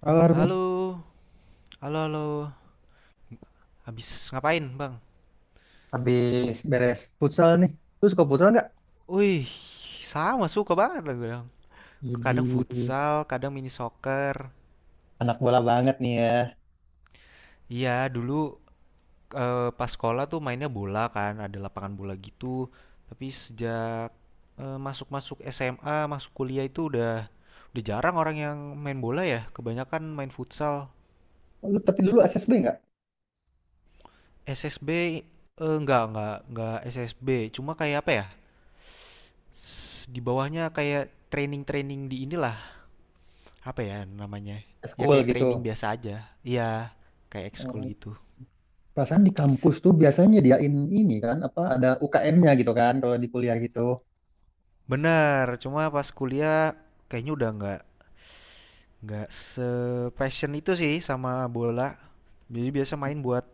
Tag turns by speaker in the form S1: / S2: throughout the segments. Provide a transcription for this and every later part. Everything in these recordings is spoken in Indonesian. S1: Halo Harvey,
S2: Halo, halo, halo. Habis ngapain, Bang?
S1: habis beres futsal nih. Lu suka futsal nggak?
S2: Wih, sama suka banget lah gue bilang.
S1: Jadi
S2: Kadang futsal, kadang mini soccer.
S1: anak bola banget nih ya.
S2: Iya, dulu pas sekolah tuh mainnya bola kan, ada lapangan bola gitu. Tapi sejak masuk-masuk SMA, masuk kuliah itu udah jarang orang yang main bola ya. Kebanyakan main futsal.
S1: Lu tapi dulu SSB nggak?
S2: SSB enggak SSB. Cuma kayak apa ya? Di bawahnya kayak training-training di inilah apa ya namanya? Ya
S1: School
S2: kayak
S1: gitu.
S2: training biasa aja. Iya, kayak ekskul
S1: Oh,
S2: gitu.
S1: perasaan di kampus tuh biasanya nyediain ini kan, apa ada UKM-nya gitu kan kalau di kuliah gitu.
S2: Bener, cuma pas kuliah kayaknya udah nggak se-passion itu sih sama bola. Jadi biasa main buat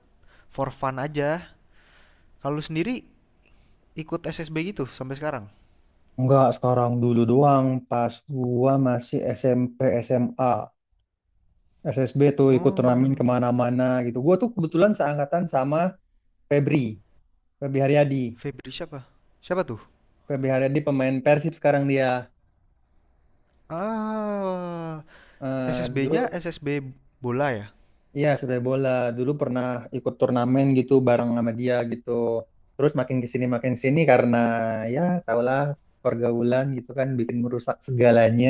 S2: for fun aja. Kalau lu sendiri ikut SSB gitu sampai sekarang?
S1: Enggak, sekarang dulu doang pas gua masih SMP SMA. SSB tuh ikut turnamen
S2: Oh,
S1: kemana-mana gitu. Gua tuh kebetulan seangkatan sama Febri, Febri Haryadi.
S2: Febri siapa? Siapa tuh?
S1: Febri Haryadi pemain Persib sekarang dia.
S2: Ah,
S1: Dulu
S2: SSB-nya SSB bola ya?
S1: iya, sepak bola. Dulu pernah ikut turnamen gitu bareng sama dia gitu. Terus makin ke sini makin sini karena ya tahulah, pergaulan gitu kan bikin merusak segalanya.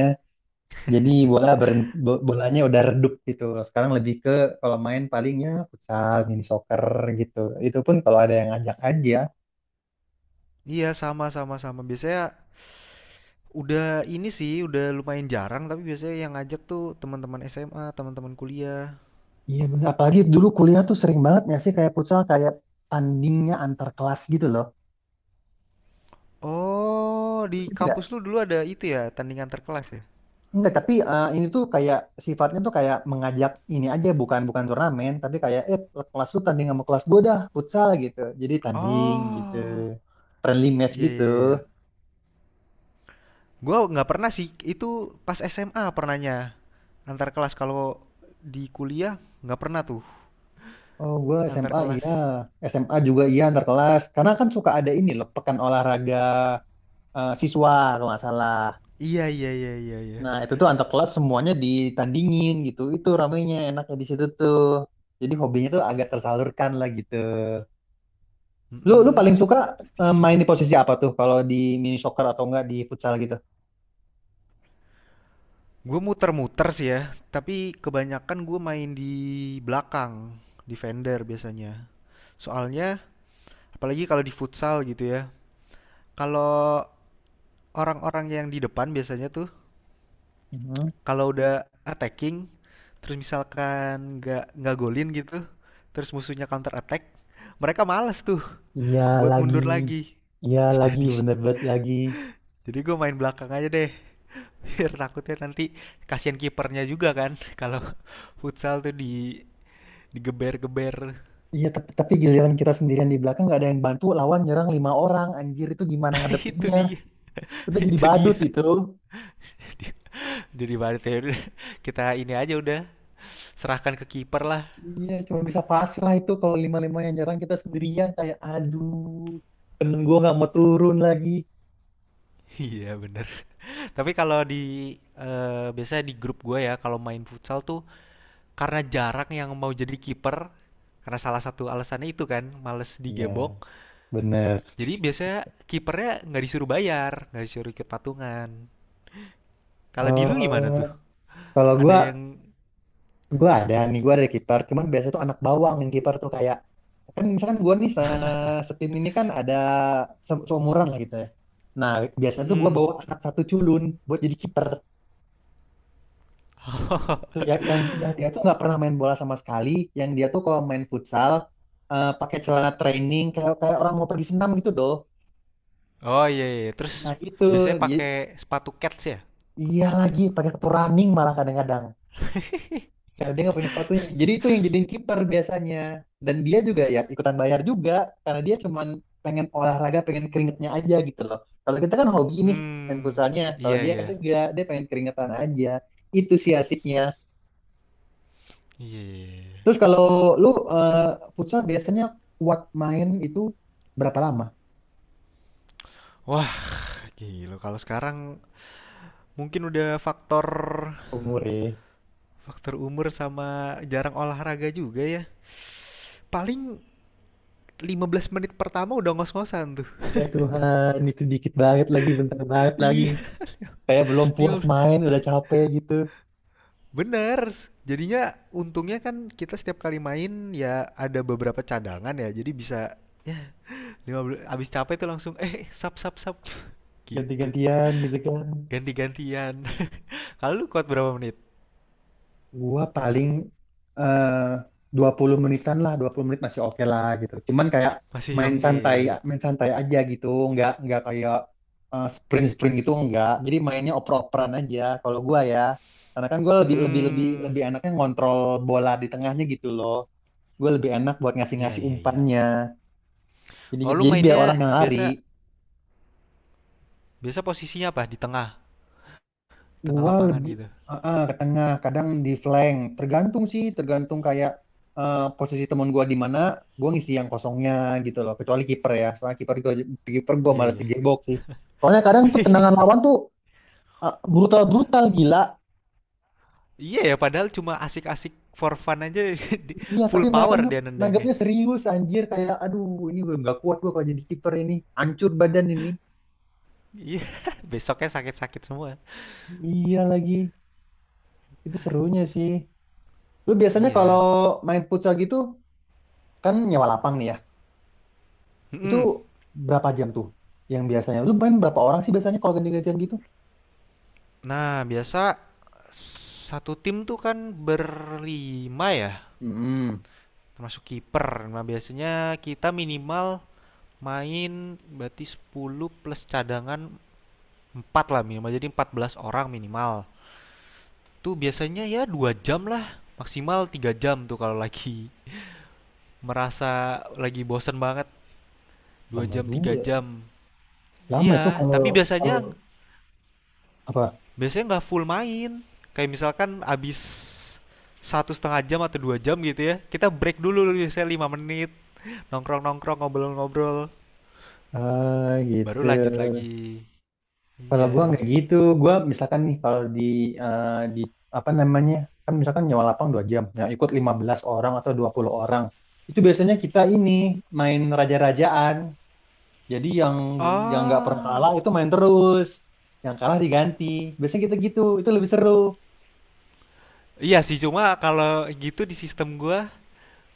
S1: Jadi bola berhenti, bolanya udah redup gitu. Sekarang lebih ke kalau main palingnya futsal, mini soccer gitu. Itu pun kalau ada yang ngajak aja.
S2: Iya, sama sama sama. Biasanya udah ini sih, udah lumayan jarang tapi biasanya yang ngajak tuh teman-teman SMA, teman-teman kuliah.
S1: Iya bener. Apalagi dulu kuliah tuh sering banget ya sih kayak futsal kayak tandingnya antar kelas gitu loh.
S2: Oh, di
S1: Itu
S2: kampus lu dulu ada itu ya, tandingan terkelas ya?
S1: enggak, tapi ini tuh kayak sifatnya tuh kayak mengajak ini aja, bukan bukan turnamen, tapi kayak kelas lu tanding sama kelas gue dah futsal gitu. Jadi tanding gitu.
S2: Oh,
S1: Friendly match
S2: iya
S1: gitu.
S2: iya iya. Gua nggak pernah sih, itu pas SMA pernahnya antar kelas, kalau di kuliah nggak pernah tuh
S1: Oh, gue
S2: antar
S1: SMA iya,
S2: kelas.
S1: SMA juga iya antar kelas. Karena kan suka ada ini loh pekan olahraga siswa kalau nggak salah.
S2: Iya iya iya iya iya.
S1: Nah, itu tuh antar kelas semuanya ditandingin gitu. Itu ramenya enaknya di situ tuh. Jadi hobinya tuh agak tersalurkan lah gitu. Lu lu
S2: Mm-mm.
S1: paling suka
S2: Sedih
S1: main
S2: juga.
S1: di posisi apa tuh kalau di mini soccer atau enggak di futsal gitu?
S2: Gue muter-muter sih ya, tapi kebanyakan gue main di belakang, di vendor biasanya. Soalnya apalagi kalau di futsal gitu ya. Kalau orang-orang yang di depan biasanya tuh
S1: Mhm.
S2: kalau udah attacking, terus misalkan nggak golin gitu, terus musuhnya counter attack, mereka males tuh
S1: Iya
S2: buat
S1: lagi,
S2: mundur lagi.
S1: iya lagi,
S2: Jadi
S1: bener banget lagi.
S2: jadi gue main belakang aja deh. Biar takutnya nanti kasihan kipernya juga kan kalau futsal tuh di digeber-geber.
S1: Iya tapi giliran kita sendirian di belakang nggak ada yang bantu, lawan nyerang lima orang, anjir itu gimana
S2: Nah, itu
S1: ngadepinnya?
S2: dia.
S1: Kita jadi
S2: Itu dia.
S1: badut itu.
S2: Dia jadi wasit ya udah, kita ini aja udah serahkan ke kiper lah.
S1: Iya, cuma bisa pasrah lah itu kalau lima-lima yang nyerang kita sendirian kayak aduh, temen gua nggak mau turun lagi.
S2: Iya bener. Tapi kalau di biasanya di grup gue ya kalau main futsal tuh karena jarang yang mau jadi kiper, karena salah satu alasannya itu kan males
S1: Iya,
S2: digebok.
S1: bener.
S2: Jadi biasanya kipernya nggak disuruh bayar, nggak disuruh ikut patungan. Kalau di lu gimana
S1: Eh,
S2: tuh?
S1: kalau
S2: Ada
S1: gua,
S2: yang.
S1: gue ada nih, gue ada kiper. Cuman biasanya tuh anak bawang yang kiper tuh kayak, kan misalkan gue nih setim ini kan ada seumuran lah gitu ya. Nah biasanya tuh gue
S2: Mm-mm.
S1: bawa anak satu culun buat jadi kiper. Itu yang dia tuh nggak pernah main bola sama sekali. Yang dia tuh kalau main futsal pakai celana training kayak kayak orang mau pergi senam gitu doh.
S2: Oh, iya iya. Terus
S1: Nah itu
S2: biasanya
S1: i-
S2: pakai sepatu cats ya?
S1: iya lagi pakai sepatu running malah kadang-kadang. Karena dia nggak punya sepatunya. Jadi itu yang jadiin kiper biasanya. Dan dia juga ya ikutan bayar juga karena dia cuman pengen olahraga, pengen keringetnya aja gitu loh. Kalau kita kan hobi nih main
S2: Hmm,
S1: futsalnya. Kalau
S2: iya
S1: dia kan
S2: iya.
S1: enggak, dia pengen keringetan aja. Itu sih asiknya.
S2: Iya, iya, iya.
S1: Terus kalau lu eh, futsal biasanya kuat main itu berapa lama
S2: Wah, gila kalau sekarang mungkin udah faktor
S1: umurnya?
S2: faktor umur sama jarang olahraga juga ya. Paling 15 menit pertama udah ngos-ngosan tuh.
S1: Ya Tuhan, itu dikit banget lagi, bentar banget lagi.
S2: Iya,
S1: Kayak belum puas
S2: 15.
S1: main, udah capek gitu.
S2: Bener. Jadinya untungnya kan kita setiap kali main ya ada beberapa cadangan ya. Jadi bisa ya 15 abis capek tuh langsung sap sap sap gitu.
S1: Ganti-gantian gitu kan.
S2: Ganti-gantian. Kalau lu kuat berapa menit?
S1: Gua paling eh 20 menitan lah, 20 menit masih oke lah gitu. Cuman kayak
S2: Masih
S1: main
S2: oke.
S1: santai, main santai aja gitu, nggak kayak sprint-sprint gitu enggak. Jadi mainnya oper-operan aja kalau gua ya. Karena kan gua lebih lebih lebih
S2: Hmm.
S1: lebih enaknya ngontrol bola di tengahnya gitu loh. Gue lebih enak buat
S2: Iya
S1: ngasih-ngasih
S2: iya iya.
S1: umpannya. Jadi
S2: Oh,
S1: gitu.
S2: lu
S1: Jadi biar orang
S2: mainnya
S1: yang lari.
S2: biasa biasa posisinya apa? Di tengah, tengah
S1: Gua
S2: lapangan
S1: lebih
S2: gitu.
S1: ke tengah, kadang di flank. Tergantung sih, tergantung kayak posisi temen gua di mana, gua ngisi yang kosongnya gitu loh. Kecuali kiper ya, soalnya kiper gua
S2: Iya,
S1: malas
S2: iya.
S1: di gearbox sih. Soalnya kadang tuh tendangan lawan tuh brutal-brutal gila.
S2: Iya ya, padahal cuma asik-asik for fun aja,
S1: Iya,
S2: full
S1: tapi mereka
S2: power
S1: tuh
S2: dia nendangnya.
S1: nanggapnya serius anjir kayak aduh, ini gue nggak kuat gua kalau jadi kiper ini, hancur badan ini.
S2: Iya, besoknya sakit-sakit semua.
S1: Iya lagi, itu serunya sih. Lu biasanya kalau
S2: Iya.
S1: main futsal gitu kan nyewa lapang nih ya. Itu
S2: Mm-mm.
S1: berapa jam tuh yang biasanya? Lu main berapa orang sih biasanya kalau ganti-gantian gitu?
S2: Nah, biasa satu tim tuh kan berlima ya,
S1: Mm-mm.
S2: termasuk kiper. Nah, biasanya kita minimal main berarti 10 plus cadangan 4 lah minimal. Jadi 14 orang minimal. Itu biasanya ya 2 jam lah, maksimal 3 jam tuh kalau lagi merasa lagi bosen banget, dua
S1: Lama
S2: jam tiga
S1: juga.
S2: jam.
S1: Lama itu
S2: Iya,
S1: kalau
S2: tapi biasanya
S1: kalau apa?
S2: biasanya nggak full main. Kayak misalkan abis satu setengah jam atau 2 jam gitu ya, kita break dulu biasanya 5 menit, nongkrong-nongkrong, ngobrol-ngobrol,
S1: Ah,
S2: baru
S1: gitu.
S2: lanjut lagi.
S1: Kalau gua
S2: Iya.
S1: nggak gitu, gua misalkan nih kalau eh, di apa namanya? Kan misalkan nyewa lapang 2 jam. Nah, ikut 15 orang atau 20 orang. Itu biasanya kita ini main raja-rajaan. Jadi yang nggak pernah kalah
S2: Oh,
S1: itu main terus. Yang kalah diganti. Biasanya kita gitu. Itu lebih seru.
S2: iya sih, cuma kalau gitu di sistem gua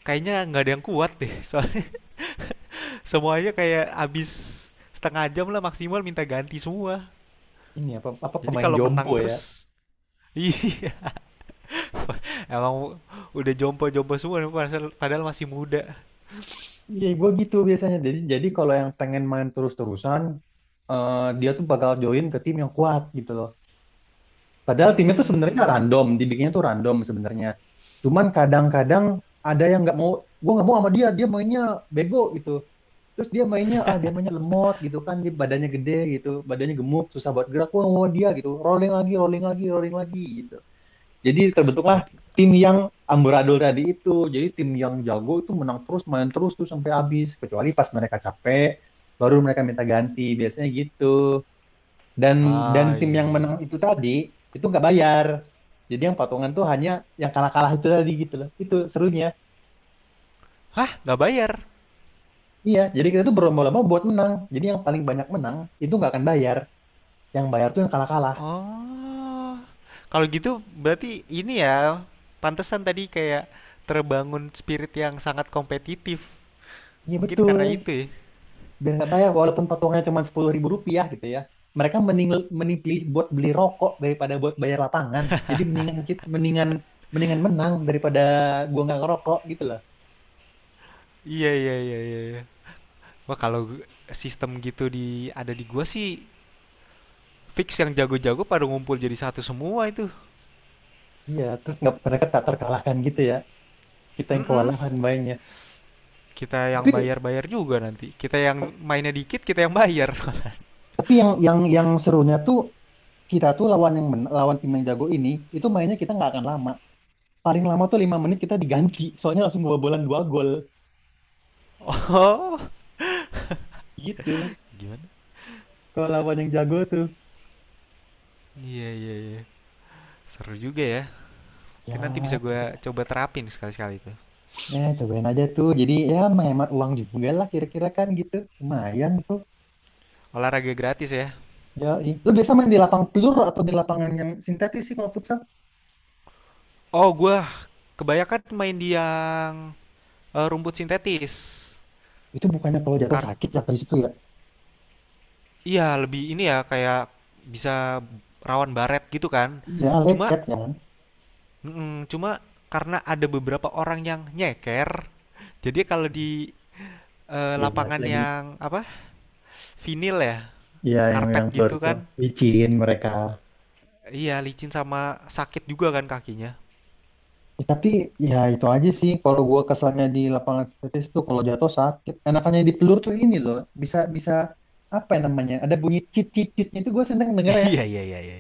S2: kayaknya nggak ada yang kuat deh, soalnya semuanya kayak abis setengah jam lah maksimal minta ganti semua.
S1: Ini apa apa
S2: Jadi
S1: pemain
S2: kalau menang
S1: jompo ya.
S2: terus, iya. Emang udah jompo-jompo semua, padahal padahal masih muda.
S1: Iya gue gitu biasanya, jadi kalau yang pengen main terus-terusan, dia tuh bakal join ke tim yang kuat gitu loh, padahal timnya tuh sebenarnya
S2: Hmm.
S1: random, dibikinnya tuh random sebenarnya, cuman kadang-kadang ada yang nggak mau. Gue nggak mau sama dia, dia mainnya bego gitu, terus dia mainnya lemot gitu kan, dia badannya gede gitu, badannya gemuk, susah buat gerak, gue nggak mau dia gitu, rolling lagi, rolling lagi, rolling lagi gitu. Jadi terbentuklah
S2: Jadi,
S1: tim yang amburadul tadi itu. Jadi tim yang jago itu menang terus, main terus tuh sampai habis. Kecuali pas mereka capek, baru mereka minta ganti. Biasanya gitu. Dan
S2: ah
S1: dan tim
S2: iya,
S1: yang
S2: iya, iya.
S1: menang itu tadi itu nggak bayar. Jadi yang patungan tuh hanya yang kalah-kalah itu tadi gitu loh. Itu serunya.
S2: Hah, nggak bayar?
S1: Iya, jadi kita tuh berlomba-lomba buat menang. Jadi yang paling banyak menang itu nggak akan bayar. Yang bayar tuh yang kalah-kalah.
S2: Oh. Kalau gitu berarti ini ya, pantesan tadi kayak terbangun spirit yang sangat kompetitif.
S1: Iya
S2: Mungkin karena
S1: betul.
S2: itu ya.
S1: Biar nggak bayar walaupun potongnya cuma Rp10.000 gitu ya, mereka mending mending pilih buat beli rokok daripada buat bayar lapangan, jadi mendingan kit- mendingan mendingan menang daripada gua nggak ngerokok gitu loh.
S2: Iya, iya, iya, iya, iya. Wah, kalau sistem gitu di ada di gua sih. Fix yang jago-jago pada ngumpul jadi satu semua itu.
S1: Iya, terus nggak, mereka tak terkalahkan gitu ya, kita yang
S2: Mm-mm.
S1: kewalahan mainnya.
S2: Kita yang
S1: tapi
S2: bayar-bayar juga nanti. Kita yang mainnya dikit, kita yang bayar.
S1: tapi yang serunya tuh, kita tuh lawan yang lawan tim yang jago ini, itu mainnya kita nggak akan lama, paling lama tuh 5 menit kita diganti, soalnya langsung kebobolan dua gol
S2: Oh.
S1: gitu
S2: Gimana?
S1: kalau lawan yang jago tuh
S2: Iya, iya, iya. Seru juga ya.
S1: ya
S2: Mungkin nanti bisa gue
S1: gitu.
S2: coba terapin sekali-sekali itu.
S1: Nah, cobain aja tuh. Jadi ya menghemat uang juga lah kira-kira kan gitu. Lumayan tuh.
S2: Olahraga gratis ya.
S1: Ya, lu biasa main di lapang pelur atau di lapangan yang sintetis sih kalau futsal?
S2: Oh, gue kebanyakan main di yang rumput sintetis.
S1: Itu bukannya kalau jatuh
S2: Kar
S1: sakit ya dari situ ya?
S2: iya, lebih ini ya kayak bisa rawan baret gitu kan.
S1: Iya,
S2: Cuma,
S1: lecet ya kan?
S2: cuma karena ada beberapa orang yang nyeker, jadi kalau di
S1: Iya, benar
S2: lapangan
S1: lagi.
S2: yang apa? Vinil ya,
S1: Iya, yang
S2: karpet
S1: yang pelur
S2: gitu
S1: itu
S2: kan.
S1: licin mereka.
S2: Iya, licin sama sakit juga kan kakinya.
S1: Ya, tapi ya itu aja sih kalau gua kesannya di lapangan sintetis tuh kalau jatuh sakit. Enakannya di pelur tuh ini loh, bisa bisa apa ya namanya? Ada bunyi cit cit citnya itu gua seneng denger ya
S2: Iya, iya, iya, iya.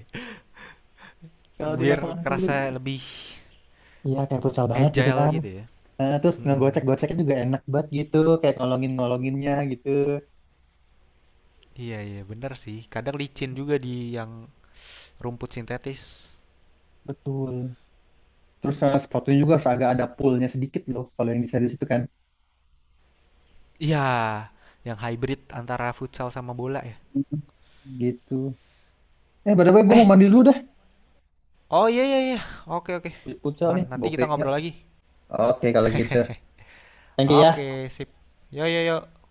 S1: kalau di
S2: Biar
S1: lapangan pelur.
S2: kerasa lebih
S1: Iya, kayak futsal banget gitu
S2: agile
S1: kan.
S2: gitu ya.
S1: Terus
S2: Mm-mm.
S1: ngegocek-goceknya juga enak banget gitu, kayak ngolongin-ngolonginnya gitu.
S2: Iya, iya, benar sih. Kadang licin juga di yang rumput sintetis.
S1: Betul. Terus sepatunya juga harus agak ada poolnya sedikit loh, kalau yang di series itu kan.
S2: Iya, yang hybrid antara futsal sama bola ya.
S1: Mhm. Gitu. By the way, gue mau
S2: Eh,
S1: mandi dulu dah.
S2: oh iya, iya, iya. Oke, oke.
S1: Habis futsal
S2: Aman,
S1: nih,
S2: nanti
S1: bau
S2: kita
S1: keringat.
S2: ngobrol lagi.
S1: Oke, kalau gitu. Thank you ya.
S2: Oke, sip. Yo, yo, yo.